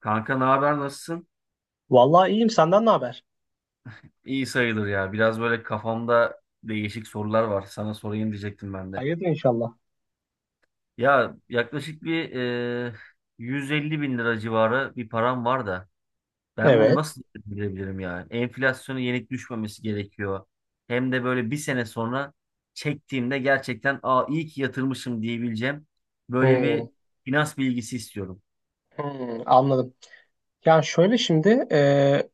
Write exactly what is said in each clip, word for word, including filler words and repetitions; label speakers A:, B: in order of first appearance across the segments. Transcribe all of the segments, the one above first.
A: Kanka ne haber nasılsın?
B: Vallahi iyiyim. Senden ne haber?
A: İyi sayılır ya. Biraz böyle kafamda değişik sorular var. Sana sorayım diyecektim ben de.
B: Hayırdır inşallah.
A: Ya yaklaşık bir e, yüz elli bin lira civarı bir param var da ben bunu
B: Evet.
A: nasıl bilebilirim yani? Enflasyonu yenik düşmemesi gerekiyor. Hem de böyle bir sene sonra çektiğimde gerçekten aa iyi ki yatırmışım diyebileceğim böyle
B: Hmm,
A: bir finans bilgisi istiyorum.
B: hmm, anladım. Yani şöyle şimdi e,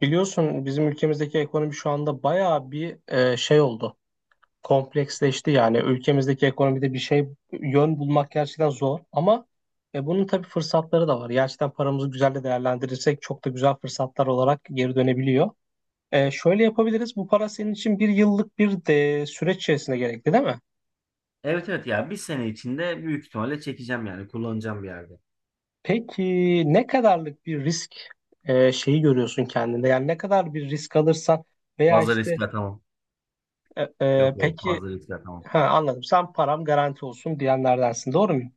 B: biliyorsun bizim ülkemizdeki ekonomi şu anda bayağı bir e, şey oldu. Kompleksleşti yani. Ülkemizdeki ekonomide bir şey yön bulmak gerçekten zor. Ama e, bunun tabii fırsatları da var. Gerçekten paramızı güzel de değerlendirirsek çok da güzel fırsatlar olarak geri dönebiliyor. E, şöyle yapabiliriz. Bu para senin için bir yıllık bir de süreç içerisinde gerekli değil mi?
A: Evet evet ya bir sene içinde büyük ihtimalle çekeceğim yani kullanacağım bir yerde.
B: Peki, ne kadarlık bir risk e, şeyi görüyorsun kendinde? Yani ne kadar bir risk alırsan veya
A: Fazla
B: işte
A: riske atamam.
B: e, e,
A: Yok evet
B: peki.
A: fazla riske atamam.
B: Ha, anladım, sen param garanti olsun diyenlerdensin, doğru muyum?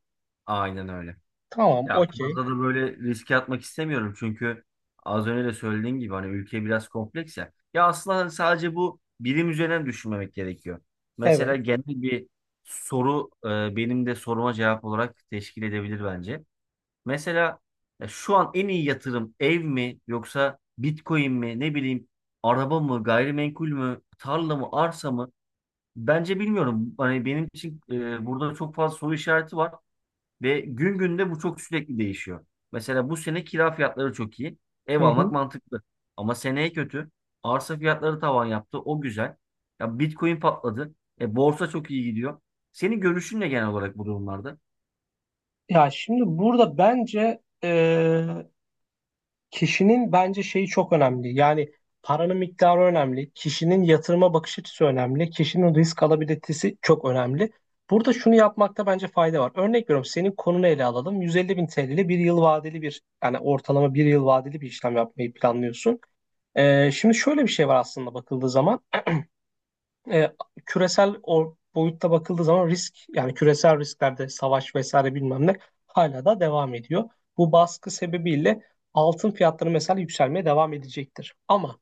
A: Aynen öyle.
B: Tamam,
A: Ya
B: okey,
A: fazla da böyle riske atmak istemiyorum çünkü az önce de söylediğim gibi hani ülke biraz kompleks ya. Ya aslında hani sadece bu bilim üzerine düşünmemek gerekiyor. Mesela
B: evet.
A: genel bir soru e, benim de soruma cevap olarak teşkil edebilir bence. Mesela ya şu an en iyi yatırım ev mi yoksa Bitcoin mi ne bileyim araba mı gayrimenkul mü tarla mı arsa mı? Bence bilmiyorum. Hani benim için e, burada çok fazla soru işareti var. Ve gün günde bu çok sürekli değişiyor. Mesela bu sene kira fiyatları çok iyi. Ev
B: Hı hı.
A: almak mantıklı. Ama seneye kötü. Arsa fiyatları tavan yaptı. O güzel. Ya Bitcoin patladı. E, borsa çok iyi gidiyor. Senin görüşün ne genel olarak bu durumlarda?
B: Ya şimdi burada bence e, kişinin bence şeyi çok önemli. Yani paranın miktarı önemli. Kişinin yatırıma bakış açısı önemli. Kişinin risk alabilitesi çok önemli. Burada şunu yapmakta bence fayda var. Örnek veriyorum, senin konunu ele alalım. yüz elli bin T L ile bir yıl vadeli bir yani ortalama bir yıl vadeli bir işlem yapmayı planlıyorsun. Ee, şimdi şöyle bir şey var, aslında bakıldığı zaman e, küresel o boyutta bakıldığı zaman risk, yani küresel risklerde savaş vesaire bilmem ne hala da devam ediyor. Bu baskı sebebiyle altın fiyatları mesela yükselmeye devam edecektir. Ama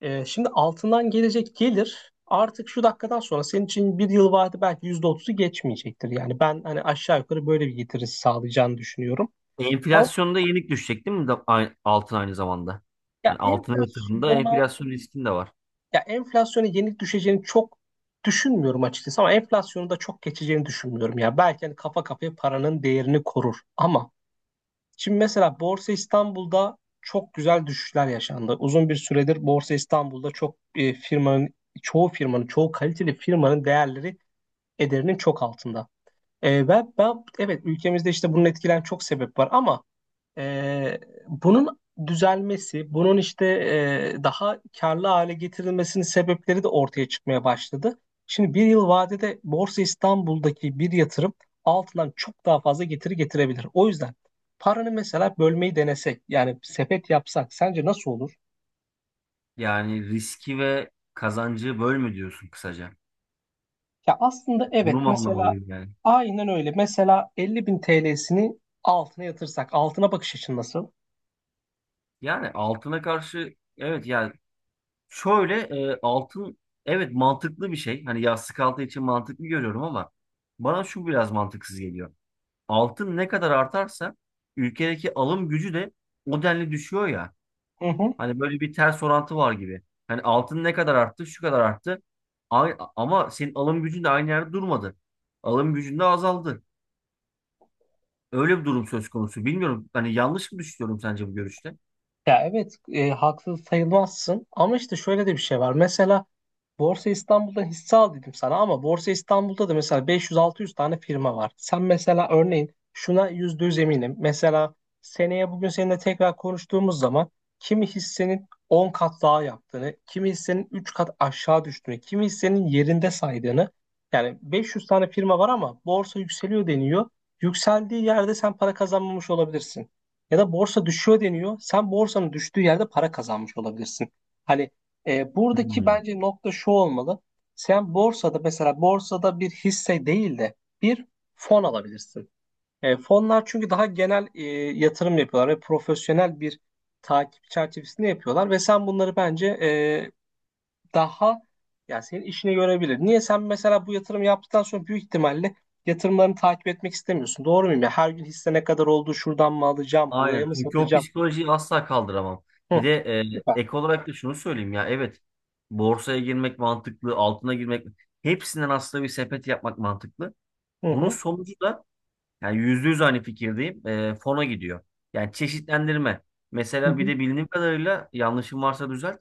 B: e, şimdi altından gelecek gelir, artık şu dakikadan sonra senin için bir yıl vade belki yüzde otuzu geçmeyecektir. Yani ben hani aşağı yukarı böyle bir getirisi sağlayacağını düşünüyorum. Ama
A: Enflasyonda yenik düşecek değil mi da- ay- altın aynı zamanda?
B: ya
A: Yani altına yatırımda
B: enflasyona
A: enflasyon riskin de var.
B: Ya enflasyonu yenik düşeceğini çok düşünmüyorum açıkçası, ama enflasyonu da çok geçeceğini düşünmüyorum ya. Belki hani kafa kafaya paranın değerini korur, ama şimdi mesela Borsa İstanbul'da çok güzel düşüşler yaşandı. Uzun bir süredir Borsa İstanbul'da çok e, firmanın çoğu firmanın çoğu kaliteli firmanın değerleri ederinin çok altında. E, ben, ben evet, ülkemizde işte bunun etkilen çok sebep var, ama ee, bunun düzelmesi, bunun işte e, daha karlı hale getirilmesinin sebepleri de ortaya çıkmaya başladı. Şimdi bir yıl vadede Borsa İstanbul'daki bir yatırım altından çok daha fazla getiri getirebilir. O yüzden paranı mesela bölmeyi denesek, yani sepet yapsak sence nasıl olur?
A: Yani riski ve kazancı böl mü diyorsun kısaca?
B: Ya aslında evet,
A: Bunu mu
B: mesela
A: anlamalıyım yani?
B: aynen öyle. Mesela elli bin T L'sini altına yatırsak, altına bakış açın nasıl?
A: Yani altına karşı evet yani şöyle e, altın evet mantıklı bir şey. Hani yastık altı için mantıklı görüyorum ama bana şu biraz mantıksız geliyor. Altın ne kadar artarsa ülkedeki alım gücü de o denli düşüyor ya.
B: Hı hı.
A: Hani böyle bir ters orantı var gibi. Hani altın ne kadar arttı, şu kadar arttı. Ay- Ama senin alım gücün de aynı yerde durmadı. Alım gücün de azaldı. Öyle bir durum söz konusu. Bilmiyorum. Hani yanlış mı düşünüyorum sence bu görüşte?
B: Ya evet, e, haksız sayılmazsın, ama işte şöyle de bir şey var. Mesela Borsa İstanbul'dan hisse al dedim sana, ama Borsa İstanbul'da da mesela beş yüz altı yüz tane firma var. Sen mesela örneğin şuna yüzde yüz eminim. Mesela seneye bugün seninle tekrar konuştuğumuz zaman kimi hissenin on kat daha yaptığını, kimi hissenin üç kat aşağı düştüğünü, kimi hissenin yerinde saydığını. Yani beş yüz tane firma var ama borsa yükseliyor deniyor. Yükseldiği yerde sen para kazanmamış olabilirsin. Ya da borsa düşüyor deniyor. Sen borsanın düştüğü yerde para kazanmış olabilirsin. Hani e, buradaki
A: Hmm.
B: bence nokta şu olmalı. Sen borsada, mesela borsada bir hisse değil de bir fon alabilirsin. E, fonlar çünkü daha genel e, yatırım yapıyorlar ve profesyonel bir takip çerçevesinde yapıyorlar ve sen bunları bence e, daha yani senin işine görebilir. Niye sen mesela bu yatırım yaptıktan sonra büyük ihtimalle yatırımlarını takip etmek istemiyorsun. Doğru muyum ya? Her gün hisse ne kadar oldu, şuradan mı alacağım, buraya
A: Aynen.
B: mı
A: Çünkü o
B: satacağım?
A: psikolojiyi asla kaldıramam.
B: Hı.
A: Bir de
B: Süper.
A: e, ek olarak da şunu söyleyeyim ya. Evet. Borsaya girmek mantıklı, altına girmek. Hepsinden aslında bir sepet yapmak mantıklı.
B: Hı
A: Bunun
B: hı.
A: sonucu da yani yüzde yüz aynı fikirdeyim. Ee, fona gidiyor. Yani çeşitlendirme.
B: Hı
A: Mesela bir
B: hı.
A: de bildiğim kadarıyla yanlışım varsa düzelt.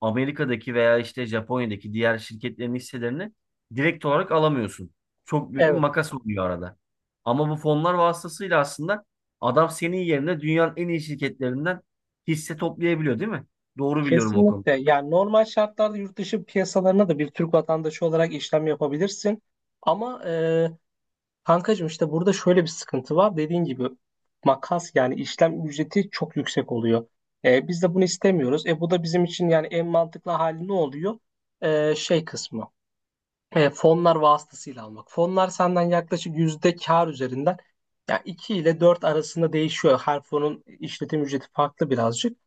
A: Amerika'daki veya işte Japonya'daki diğer şirketlerin hisselerini direkt olarak alamıyorsun. Çok büyük bir
B: Evet,
A: makas oluyor arada. Ama bu fonlar vasıtasıyla aslında adam senin yerine dünyanın en iyi şirketlerinden hisse toplayabiliyor, değil mi? Doğru biliyorum o konuda.
B: kesinlikle. Yani normal şartlarda yurt dışı piyasalarına da bir Türk vatandaşı olarak işlem yapabilirsin. Ama e, kankacığım işte burada şöyle bir sıkıntı var. Dediğin gibi makas, yani işlem ücreti çok yüksek oluyor. E, biz de bunu istemiyoruz. E, bu da bizim için yani en mantıklı hali ne oluyor? E, şey kısmı. He, fonlar vasıtasıyla almak. Fonlar senden yaklaşık yüzde kar üzerinden, yani iki ile dört arasında değişiyor. Her fonun işletim ücreti farklı birazcık.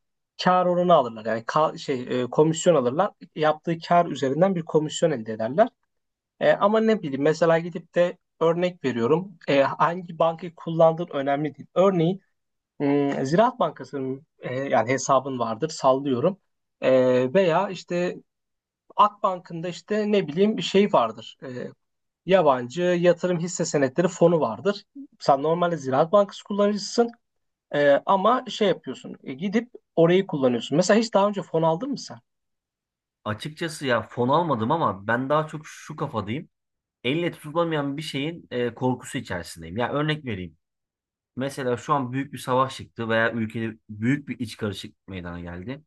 B: Kar oranı alırlar. Yani ka- şey e, komisyon alırlar. Yaptığı kar üzerinden bir komisyon elde ederler. E, ama ne bileyim, mesela gidip de örnek veriyorum. E, hangi bankayı kullandığın önemli değil. Örneğin hmm, Ziraat Bankası'nın e, yani hesabın vardır, sallıyorum. E, veya işte Akbank'ın da işte ne bileyim bir şey vardır. E, yabancı yatırım hisse senetleri fonu vardır. Sen normalde Ziraat Bankası kullanıcısın, e, ama şey yapıyorsun, e, gidip orayı kullanıyorsun. Mesela hiç daha önce fon aldın mı sen?
A: Açıkçası ya fon almadım ama ben daha çok şu kafadayım. Elle tutulamayan bir şeyin e, korkusu içerisindeyim. Ya örnek vereyim. Mesela şu an büyük bir savaş çıktı veya ülkede büyük bir iç karışıklık meydana geldi.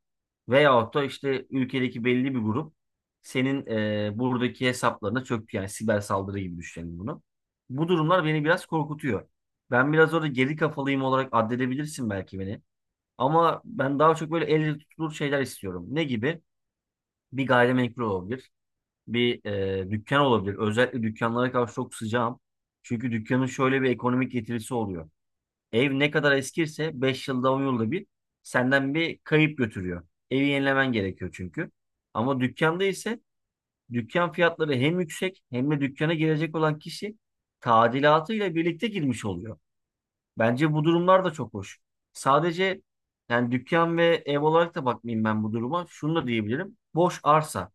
A: Veyahut da işte ülkedeki belli bir grup senin e, buradaki hesaplarına çöktü. Yani siber saldırı gibi düşünelim bunu. Bu durumlar beni biraz korkutuyor. Ben biraz orada geri kafalıyım olarak addedebilirsin belki beni. Ama ben daha çok böyle elle tutulur şeyler istiyorum. Ne gibi? Bir gayrimenkul olabilir. Bir e, dükkan olabilir. Özellikle dükkanlara karşı çok sıcağım. Çünkü dükkanın şöyle bir ekonomik getirisi oluyor. Ev ne kadar eskirse beş yılda on yılda bir senden bir kayıp götürüyor. Evi yenilemen gerekiyor çünkü. Ama dükkanda ise dükkan fiyatları hem yüksek hem de dükkana girecek olan kişi tadilatıyla birlikte girmiş oluyor. Bence bu durumlar da çok hoş. Sadece yani dükkan ve ev olarak da bakmayayım ben bu duruma. Şunu da diyebilirim. Boş arsa.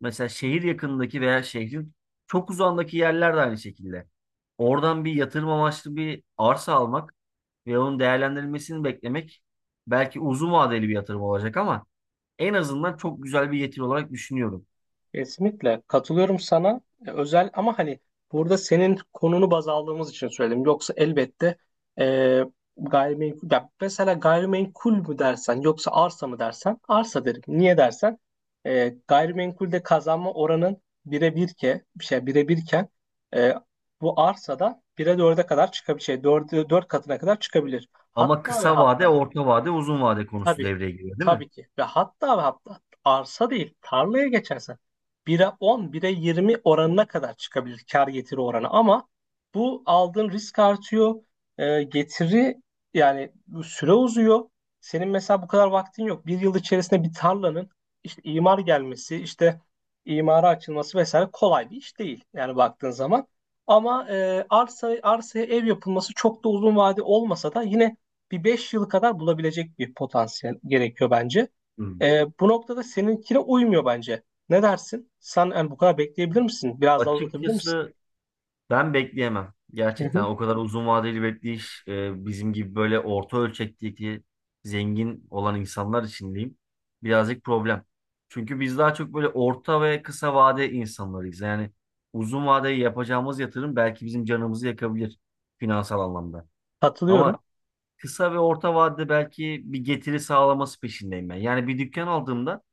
A: Mesela şehir yakınındaki veya şehrin çok uzağındaki yerler de aynı şekilde. Oradan bir yatırım amaçlı bir arsa almak ve onun değerlendirilmesini beklemek belki uzun vadeli bir yatırım olacak ama en azından çok güzel bir getiri olarak düşünüyorum.
B: Kesinlikle katılıyorum sana. E, Özel, ama hani burada senin konunu baz aldığımız için söyledim. Yoksa elbette e, gayrimenkul ya, mesela gayrimenkul mü dersen yoksa arsa mı dersen arsa derim. Niye dersen e, gayrimenkulde kazanma oranın bire bir ke bir şey bire birken e, bu arsada bire dörde kadar çıkabilir. Şey, dörde, dört katına kadar çıkabilir.
A: Ama
B: Hatta ve
A: kısa vade,
B: hatta
A: orta vade, uzun vade konusu
B: Tabii,
A: devreye giriyor, değil mi?
B: tabii ki. Ve hatta ve hatta arsa değil, tarlaya geçersen bire on, bire yirmi oranına kadar çıkabilir kar getiri oranı. Ama bu aldığın risk artıyor. Ee, getiri, yani bu süre uzuyor. Senin mesela bu kadar vaktin yok. Bir yıl içerisinde bir tarlanın işte imar gelmesi, işte imara açılması vesaire kolay bir iş değil, yani baktığın zaman. Ama e, arsa arsaya ev yapılması çok da uzun vade olmasa da yine bir beş yıl kadar bulabilecek bir potansiyel gerekiyor bence.
A: Hı.
B: Ee, bu noktada seninkine uymuyor bence. Ne dersin? Sen yani bu kadar bekleyebilir misin? Biraz daha uzatabilir misin?
A: Açıkçası ben bekleyemem.
B: Hı
A: Gerçekten
B: hı.
A: o kadar uzun vadeli bekleyiş e, bizim gibi böyle orta ölçekteki zengin olan insanlar için diyeyim birazcık problem. Çünkü biz daha çok böyle orta ve kısa vade insanlarıyız. Yani uzun vadeli yapacağımız yatırım belki bizim canımızı yakabilir finansal anlamda.
B: Katılıyorum.
A: Ama kısa ve orta vadede belki bir getiri sağlaması peşindeyim ben. Yani bir dükkan aldığımda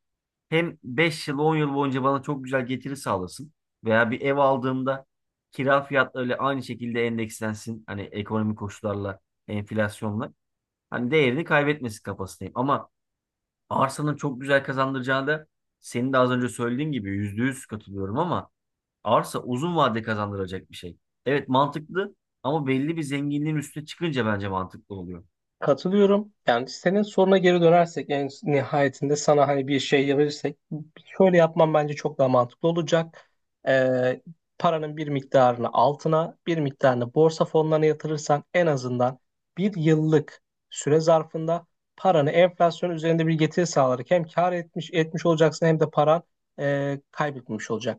A: hem beş yıl on yıl boyunca bana çok güzel getiri sağlasın veya bir ev aldığımda kira fiyatlarıyla aynı şekilde endekslensin hani ekonomik koşullarla enflasyonla hani değerini kaybetmesin kafasındayım ama arsanın çok güzel kazandıracağı da senin de az önce söylediğin gibi yüzde yüz katılıyorum ama arsa uzun vade kazandıracak bir şey. Evet mantıklı ama belli bir zenginliğin üstüne çıkınca bence mantıklı oluyor.
B: Katılıyorum. Yani senin soruna geri dönersek en nihayetinde sana hani bir şey verirsek, şöyle yapmam bence çok daha mantıklı olacak. Ee, Paranın bir miktarını altına bir miktarını borsa fonlarına yatırırsan en azından bir yıllık süre zarfında paranı enflasyon üzerinde bir getiri sağlayarak hem kar etmiş etmiş olacaksın hem de paran e, kaybetmiş olacak.